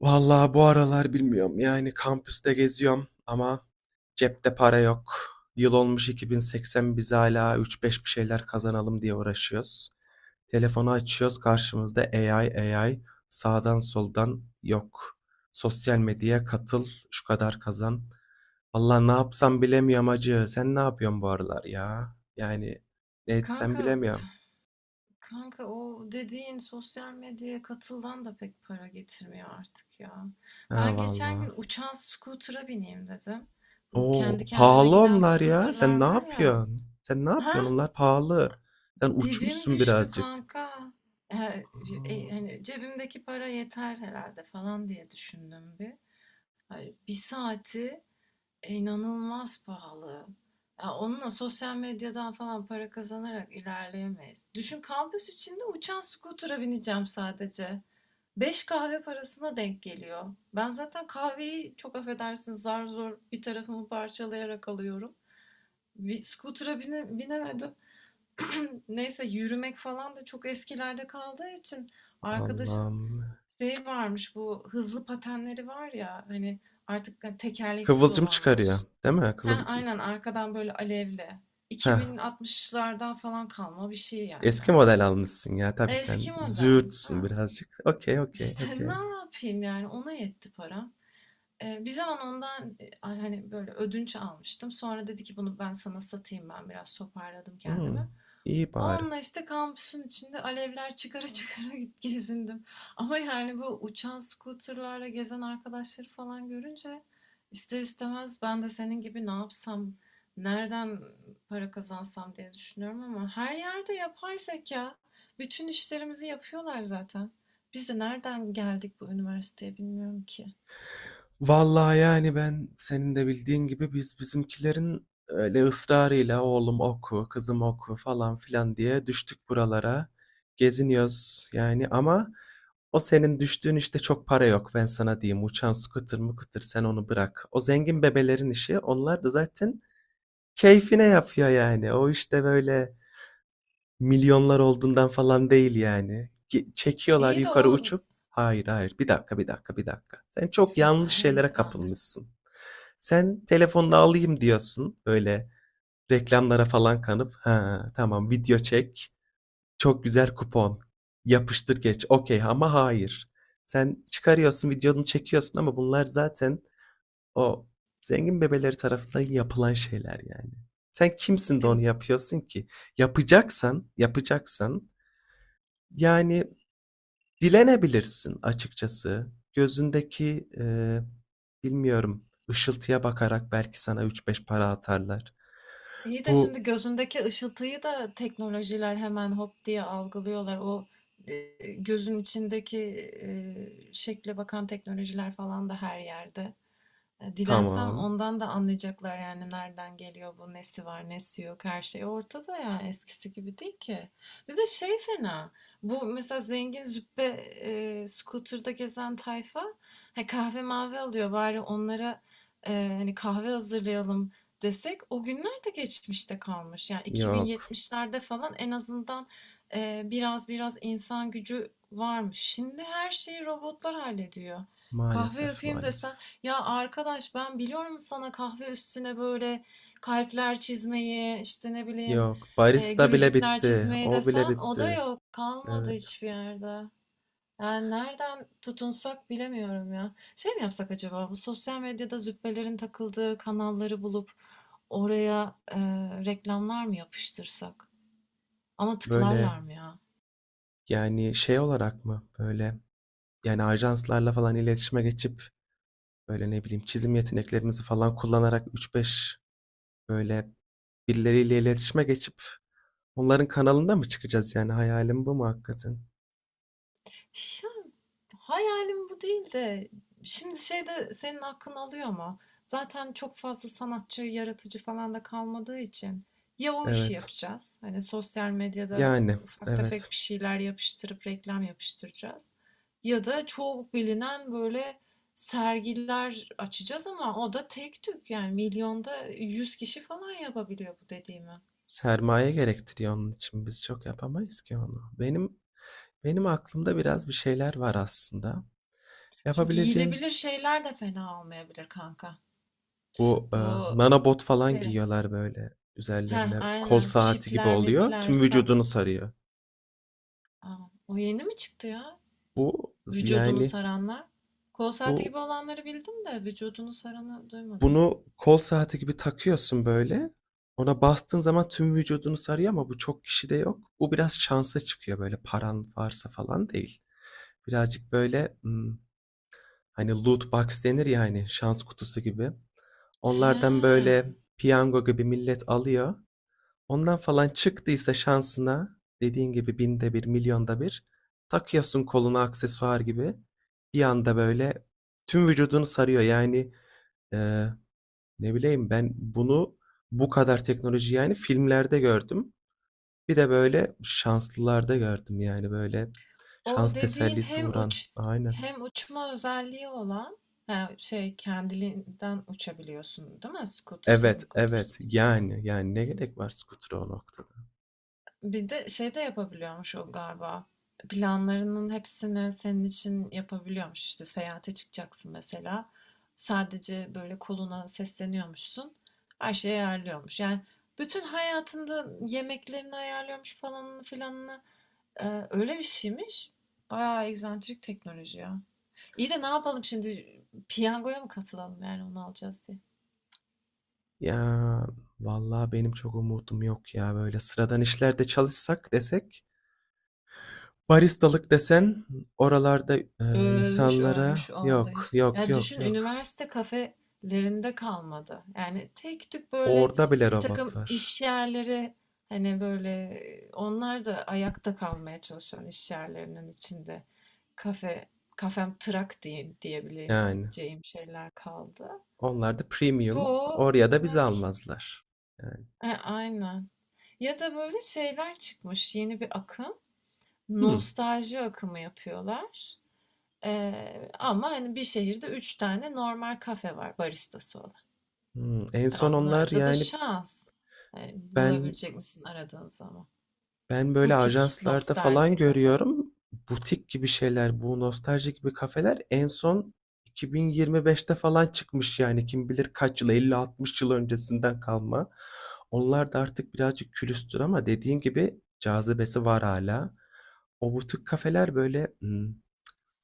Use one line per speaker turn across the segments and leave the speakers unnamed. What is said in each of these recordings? Vallahi bu aralar bilmiyorum. Yani kampüste geziyorum ama cepte para yok. Yıl olmuş 2080, biz hala 3-5 bir şeyler kazanalım diye uğraşıyoruz. Telefonu açıyoruz, karşımızda AI, AI sağdan soldan yok. Sosyal medyaya katıl, şu kadar kazan. Allah, ne yapsam bilemiyorum, acı. Sen ne yapıyorsun bu aralar ya? Yani ne etsem
Kanka,
bilemiyorum.
kanka, o dediğin sosyal medyaya katıldan da pek para getirmiyor artık ya.
Ha
Ben geçen
vallahi.
gün uçan scooter'a bineyim dedim. Bu
Oo,
kendi kendine
pahalı
giden
onlar ya. Sen
scooter'lar
ne
var ya.
yapıyorsun?
Ha?
Onlar pahalı. Sen
Dibim
uçmuşsun
düştü
birazcık.
kanka. E,
A!
hani cebimdeki para yeter herhalde falan diye düşündüm bir. Hani bir saati. İnanılmaz pahalı. Ya onunla sosyal medyadan falan para kazanarak ilerleyemeyiz. Düşün, kampüs içinde uçan skutura bineceğim sadece. Beş kahve parasına denk geliyor. Ben zaten kahveyi, çok affedersiniz, zar zor bir tarafımı parçalayarak alıyorum. Bir skutura binemedim. Neyse, yürümek falan da çok eskilerde kaldığı için arkadaşın
Allah'ım.
şey varmış, bu hızlı patenleri var ya hani, artık hani tekerleksiz
Kıvılcım çıkarıyor,
olanlar.
değil mi?
Heh, aynen, arkadan böyle alevli.
Heh,
2060'lardan falan kalma bir şey yani.
eski model almışsın ya. Tabii
Eski
sen
model.
züğürtsün
Ha.
birazcık. Okay, okay,
İşte ne
okay.
yapayım yani, ona yetti para. Bir zaman ondan, hani, böyle, ödünç almıştım. Sonra dedi ki "Bunu ben sana satayım." Ben biraz toparladım kendimi.
Hımm, iyi bari.
Onunla, işte, kampüsün içinde alevler çıkara çıkara git gezindim. Ama, yani, bu uçan scooter'larla gezen arkadaşları falan görünce ister istemez ben de senin gibi ne yapsam, nereden para kazansam diye düşünüyorum, ama her yerde yapay zekâ. Bütün işlerimizi yapıyorlar zaten. Biz de nereden geldik bu üniversiteye bilmiyorum ki.
Vallahi yani ben senin de bildiğin gibi biz bizimkilerin öyle ısrarıyla oğlum oku, kızım oku falan filan diye düştük buralara. Geziniyoruz yani, ama o senin düştüğün işte çok para yok, ben sana diyeyim. Uçan su kıtır mı kıtır, sen onu bırak. O zengin bebelerin işi, onlar da zaten keyfine yapıyor yani. O işte böyle milyonlar olduğundan falan değil yani. Çekiyorlar
İyi de
yukarı
o...
uçup. Hayır hayır, bir dakika bir dakika. Sen çok yanlış
Ay,
şeylere
tamam, hadi.
kapılmışsın. Sen telefonunu alayım diyorsun. Böyle reklamlara falan kanıp ha tamam, video çek. Çok güzel kupon. Yapıştır geç. Okey, ama hayır. Sen çıkarıyorsun, videonu çekiyorsun, ama bunlar zaten o zengin bebeleri tarafından yapılan şeyler yani. Sen kimsin de
E,
onu yapıyorsun ki? Yapacaksan yani dilenebilirsin açıkçası. Gözündeki, bilmiyorum, ışıltıya bakarak belki sana üç beş para atarlar.
iyi de
Bu
şimdi gözündeki ışıltıyı da teknolojiler hemen hop diye algılıyorlar. O e, gözün içindeki şekle bakan teknolojiler falan da her yerde. Dilensem
tamam.
ondan da anlayacaklar yani, nereden geliyor bu, nesi var, nesi yok, her şey ortada, yani eskisi gibi değil ki. Bir de şey fena, bu mesela zengin züppe scooter'da gezen tayfa, he, kahve mavi alıyor bari onlara, e, hani kahve hazırlayalım desek o günler de geçmişte kalmış. Yani
Yok.
2070'lerde falan en azından biraz biraz insan gücü varmış. Şimdi her şeyi robotlar hallediyor. Kahve
Maalesef,
yapayım desen,
maalesef.
ya arkadaş ben biliyorum sana kahve üstüne böyle kalpler çizmeyi, işte ne bileyim
Yok. Barista bile
gülücükler
bitti.
çizmeyi
O bile
desen o da
bitti.
yok, kalmadı
Evet.
hiçbir yerde. Yani nereden tutunsak bilemiyorum ya. Şey mi yapsak acaba, bu sosyal medyada züppelerin takıldığı kanalları bulup oraya reklamlar mı yapıştırsak? Ama
Böyle
tıklarlar mı ya?
yani şey olarak mı? Böyle yani ajanslarla falan iletişime geçip, böyle ne bileyim çizim yeteneklerimizi falan kullanarak üç beş, böyle birileriyle iletişime geçip onların kanalında mı çıkacağız yani? Hayalim bu mu hakikaten?
Hayalim bu değil de şimdi şey de senin hakkını alıyor ama zaten çok fazla sanatçı, yaratıcı falan da kalmadığı için ya o işi
Evet.
yapacağız. Hani sosyal medyada
Yani
ufak tefek
evet.
bir şeyler yapıştırıp reklam yapıştıracağız. Ya da çok bilinen böyle sergiler açacağız ama o da tek tük, yani milyonda 100 kişi falan yapabiliyor bu dediğimi.
Sermaye gerektiriyor onun için. Biz çok yapamayız ki onu. Benim aklımda biraz bir şeyler var aslında.
Şu
Yapabileceğimiz
giyilebilir şeyler de fena olmayabilir kanka.
bu,
Bu
nanobot falan
şey
giyiyorlar böyle
Heh,
üzerlerine, kol
aynen.
saati gibi
Çipler,
oluyor.
mipler,
Tüm vücudunu sarıyor.
Aa, o yeni mi çıktı ya?
Bu
Vücudunu
yani
saranlar. Kol saati
bu,
gibi olanları bildim de vücudunu saranı duymadım.
bunu kol saati gibi takıyorsun böyle. Ona bastığın zaman tüm vücudunu sarıyor, ama bu çok kişide yok. Bu biraz şansa çıkıyor böyle, paran varsa falan değil. Birazcık böyle hani loot box denir ya, hani şans kutusu gibi. Onlardan
He.
böyle piyango gibi millet alıyor. Ondan falan çıktıysa şansına, dediğin gibi binde bir, milyonda bir, takıyorsun koluna aksesuar gibi. Bir anda böyle tüm vücudunu sarıyor. Yani e, ne bileyim ben bunu, bu kadar teknoloji yani filmlerde gördüm. Bir de böyle şanslılarda gördüm yani, böyle
O
şans
dediğin
tesellisi vuran. Aynen.
hem uçma özelliği olan, he, şey kendiliğinden uçabiliyorsun değil mi? Scooter'sız
Evet,
mı?
evet. Yani ne gerek var skutura o noktada?
Bir de şey de yapabiliyormuş o galiba. Planlarının hepsini senin için yapabiliyormuş. İşte seyahate çıkacaksın mesela. Sadece böyle koluna sesleniyormuşsun. Her şeyi ayarlıyormuş. Yani bütün hayatında yemeklerini ayarlıyormuş, falanını filanını. Öyle bir şeymiş. Bayağı egzantrik teknoloji ya. İyi de ne yapalım şimdi? Piyangoya mı katılalım yani onu alacağız diye?
Ya vallahi benim çok umudum yok ya, böyle sıradan işlerde çalışsak desek, baristalık desen, oralarda
Ölmüş,
insanlara
ölmüş o anda
yok,
hiç.
yok
Ya
yok
düşün,
yok.
üniversite kafelerinde kalmadı. Yani tek tük böyle
Orada bile
bir
robot
takım
var.
iş yerleri, hani böyle onlar da ayakta kalmaya çalışan iş yerlerinin içinde, kafe kafem trak diyeyim
Yani.
diyebileceğim şeyler kaldı.
Onlar da premium.
Çoğu
Oraya da bizi
bak,
almazlar. Yani.
aynen. Ya da böyle şeyler çıkmış, yeni bir akım.
Hmm.
Nostalji akımı yapıyorlar. Ama hani bir şehirde 3 tane normal kafe var baristası olan.
Hmm. En
E,
son
onun
onlar
arada da
yani.
şans. Yani
ben
bulabilecek misin aradığın zaman?
ben böyle
Butik,
ajanslarda falan
nostalji kafe.
görüyorum. Butik gibi şeyler, bu nostalji gibi kafeler en son 2025'te falan çıkmış, yani kim bilir kaç yıl, 50-60 yıl öncesinden kalma. Onlar da artık birazcık külüstür, ama dediğin gibi cazibesi var hala. O butik kafeler böyle, hmm,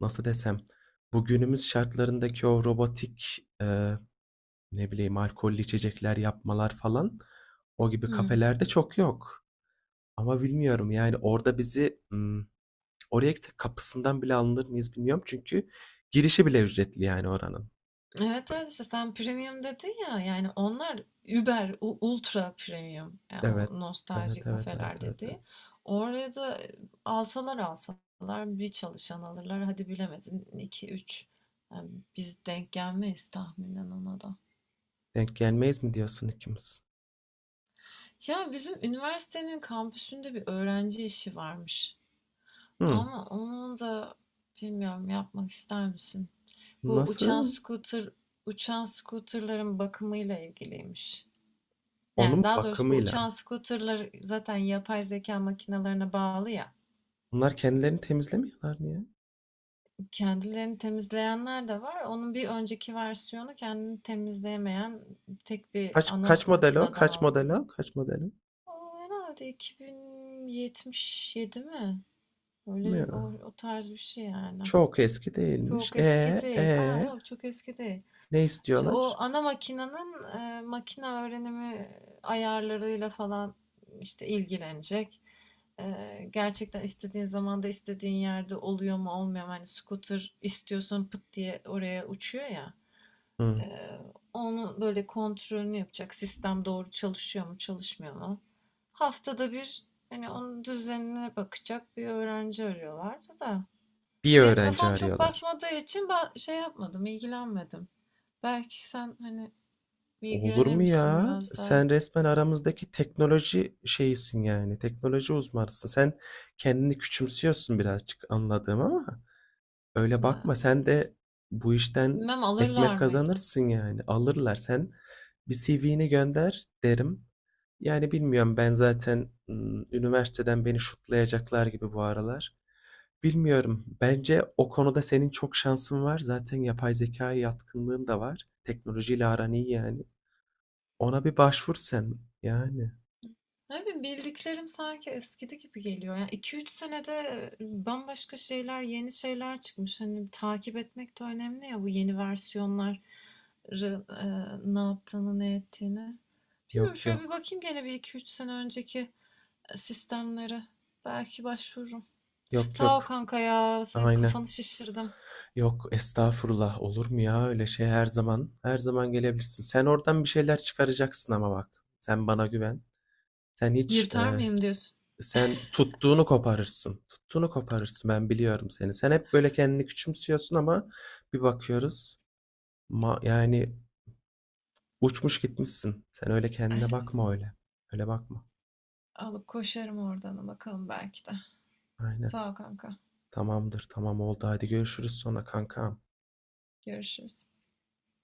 nasıl desem, bugünümüz şartlarındaki o robotik, ne bileyim, alkollü içecekler yapmalar falan, o gibi
Hı.
kafelerde çok yok. Ama bilmiyorum yani, orada bizi, oraya gitsek kapısından bile alınır mıyız bilmiyorum, çünkü girişi bile ücretli yani, oranın.
Evet, evet, işte sen premium dedin ya, yani onlar Uber, ultra premium yani,
Evet.
o
Evet,
nostalji
evet, evet,
kafeler
evet,
dediği.
evet.
Oraya da alsalar alsalar bir çalışan alırlar, hadi bilemedin iki üç. Yani biz denk gelmeyiz tahminen ona da.
Denk gelmeyiz mi diyorsun ikimiz?
Ya bizim üniversitenin kampüsünde bir öğrenci işi varmış.
Hımm.
Ama onun da bilmiyorum, yapmak ister misin? Bu uçan
Nasıl?
scooter, uçan scooterların bakımıyla ilgiliymiş.
Onun
Yani daha doğrusu bu
bakımıyla.
uçan scooterlar zaten yapay zeka makinelerine bağlı ya.
Bunlar kendilerini temizlemiyorlar mı ya?
Kendilerini temizleyenler de var. Onun bir önceki versiyonu kendini temizleyemeyen, tek bir
Kaç
ana
kaç model o?
makineden olan. O herhalde 2077 mi?
Ne?
Öyle o, o tarz bir şey yani.
Çok eski değilmiş.
Çok eski değil. Aa
E,
yok, çok eski değil.
ne
İşte o
istiyorlar?
ana makinenin makine öğrenimi ayarlarıyla falan işte ilgilenecek. E, gerçekten istediğin zamanda istediğin yerde oluyor mu olmuyor mu? Hani scooter istiyorsun pıt diye oraya uçuyor ya.
Hıı.
E, onun böyle kontrolünü yapacak. Sistem doğru çalışıyor mu çalışmıyor mu? Haftada bir hani onun düzenine bakacak bir öğrenci arıyorlardı da.
Bir
Benim
öğrenci
kafam çok
arıyorlar.
basmadığı için ben şey yapmadım, ilgilenmedim. Belki sen hani
Olur
ilgilenir
mu
misin
ya?
biraz daha?
Sen resmen aramızdaki teknoloji şeyisin yani. Teknoloji uzmanısın. Sen kendini küçümsüyorsun birazcık, anladığım ama. Öyle bakma,
Ee,
sen de bu işten
Bilmem
ekmek
alırlar mıydı?
kazanırsın yani. Alırlar. Sen bir CV'ni gönder derim. Yani bilmiyorum, ben zaten üniversiteden beni şutlayacaklar gibi bu aralar. Bilmiyorum. Bence o konuda senin çok şansın var. Zaten yapay zekaya yatkınlığın da var. Teknolojiyle aran iyi yani. Ona bir başvur sen. Yani.
Ne bileyim bildiklerim sanki eskidi gibi geliyor. Yani 2-3 senede bambaşka şeyler, yeni şeyler çıkmış. Hani takip etmek de önemli ya, bu yeni versiyonlar ne yaptığını, ne ettiğini. Bilmiyorum,
Yok
şöyle bir
yok.
bakayım gene bir iki üç sene önceki sistemlere. Belki başvururum.
Yok
Sağ ol
yok.
kanka ya. Sen
Aynen.
kafanı şişirdim.
Yok estağfurullah, olur mu ya öyle şey, her zaman, gelebilirsin. Sen oradan bir şeyler çıkaracaksın, ama bak sen bana güven. Sen hiç
Yırtar mıyım diyorsun?
sen tuttuğunu koparırsın. Tuttuğunu koparırsın, ben biliyorum seni. Sen hep böyle kendini küçümsüyorsun, ama bir bakıyoruz yani uçmuş gitmişsin. Sen öyle kendine bakma
Eee,
öyle. Öyle bakma.
alıp koşarım oradan bakalım belki de.
Aynen.
Sağ ol kanka.
Tamamdır, tamam oldu, hadi görüşürüz sonra kankam.
Görüşürüz.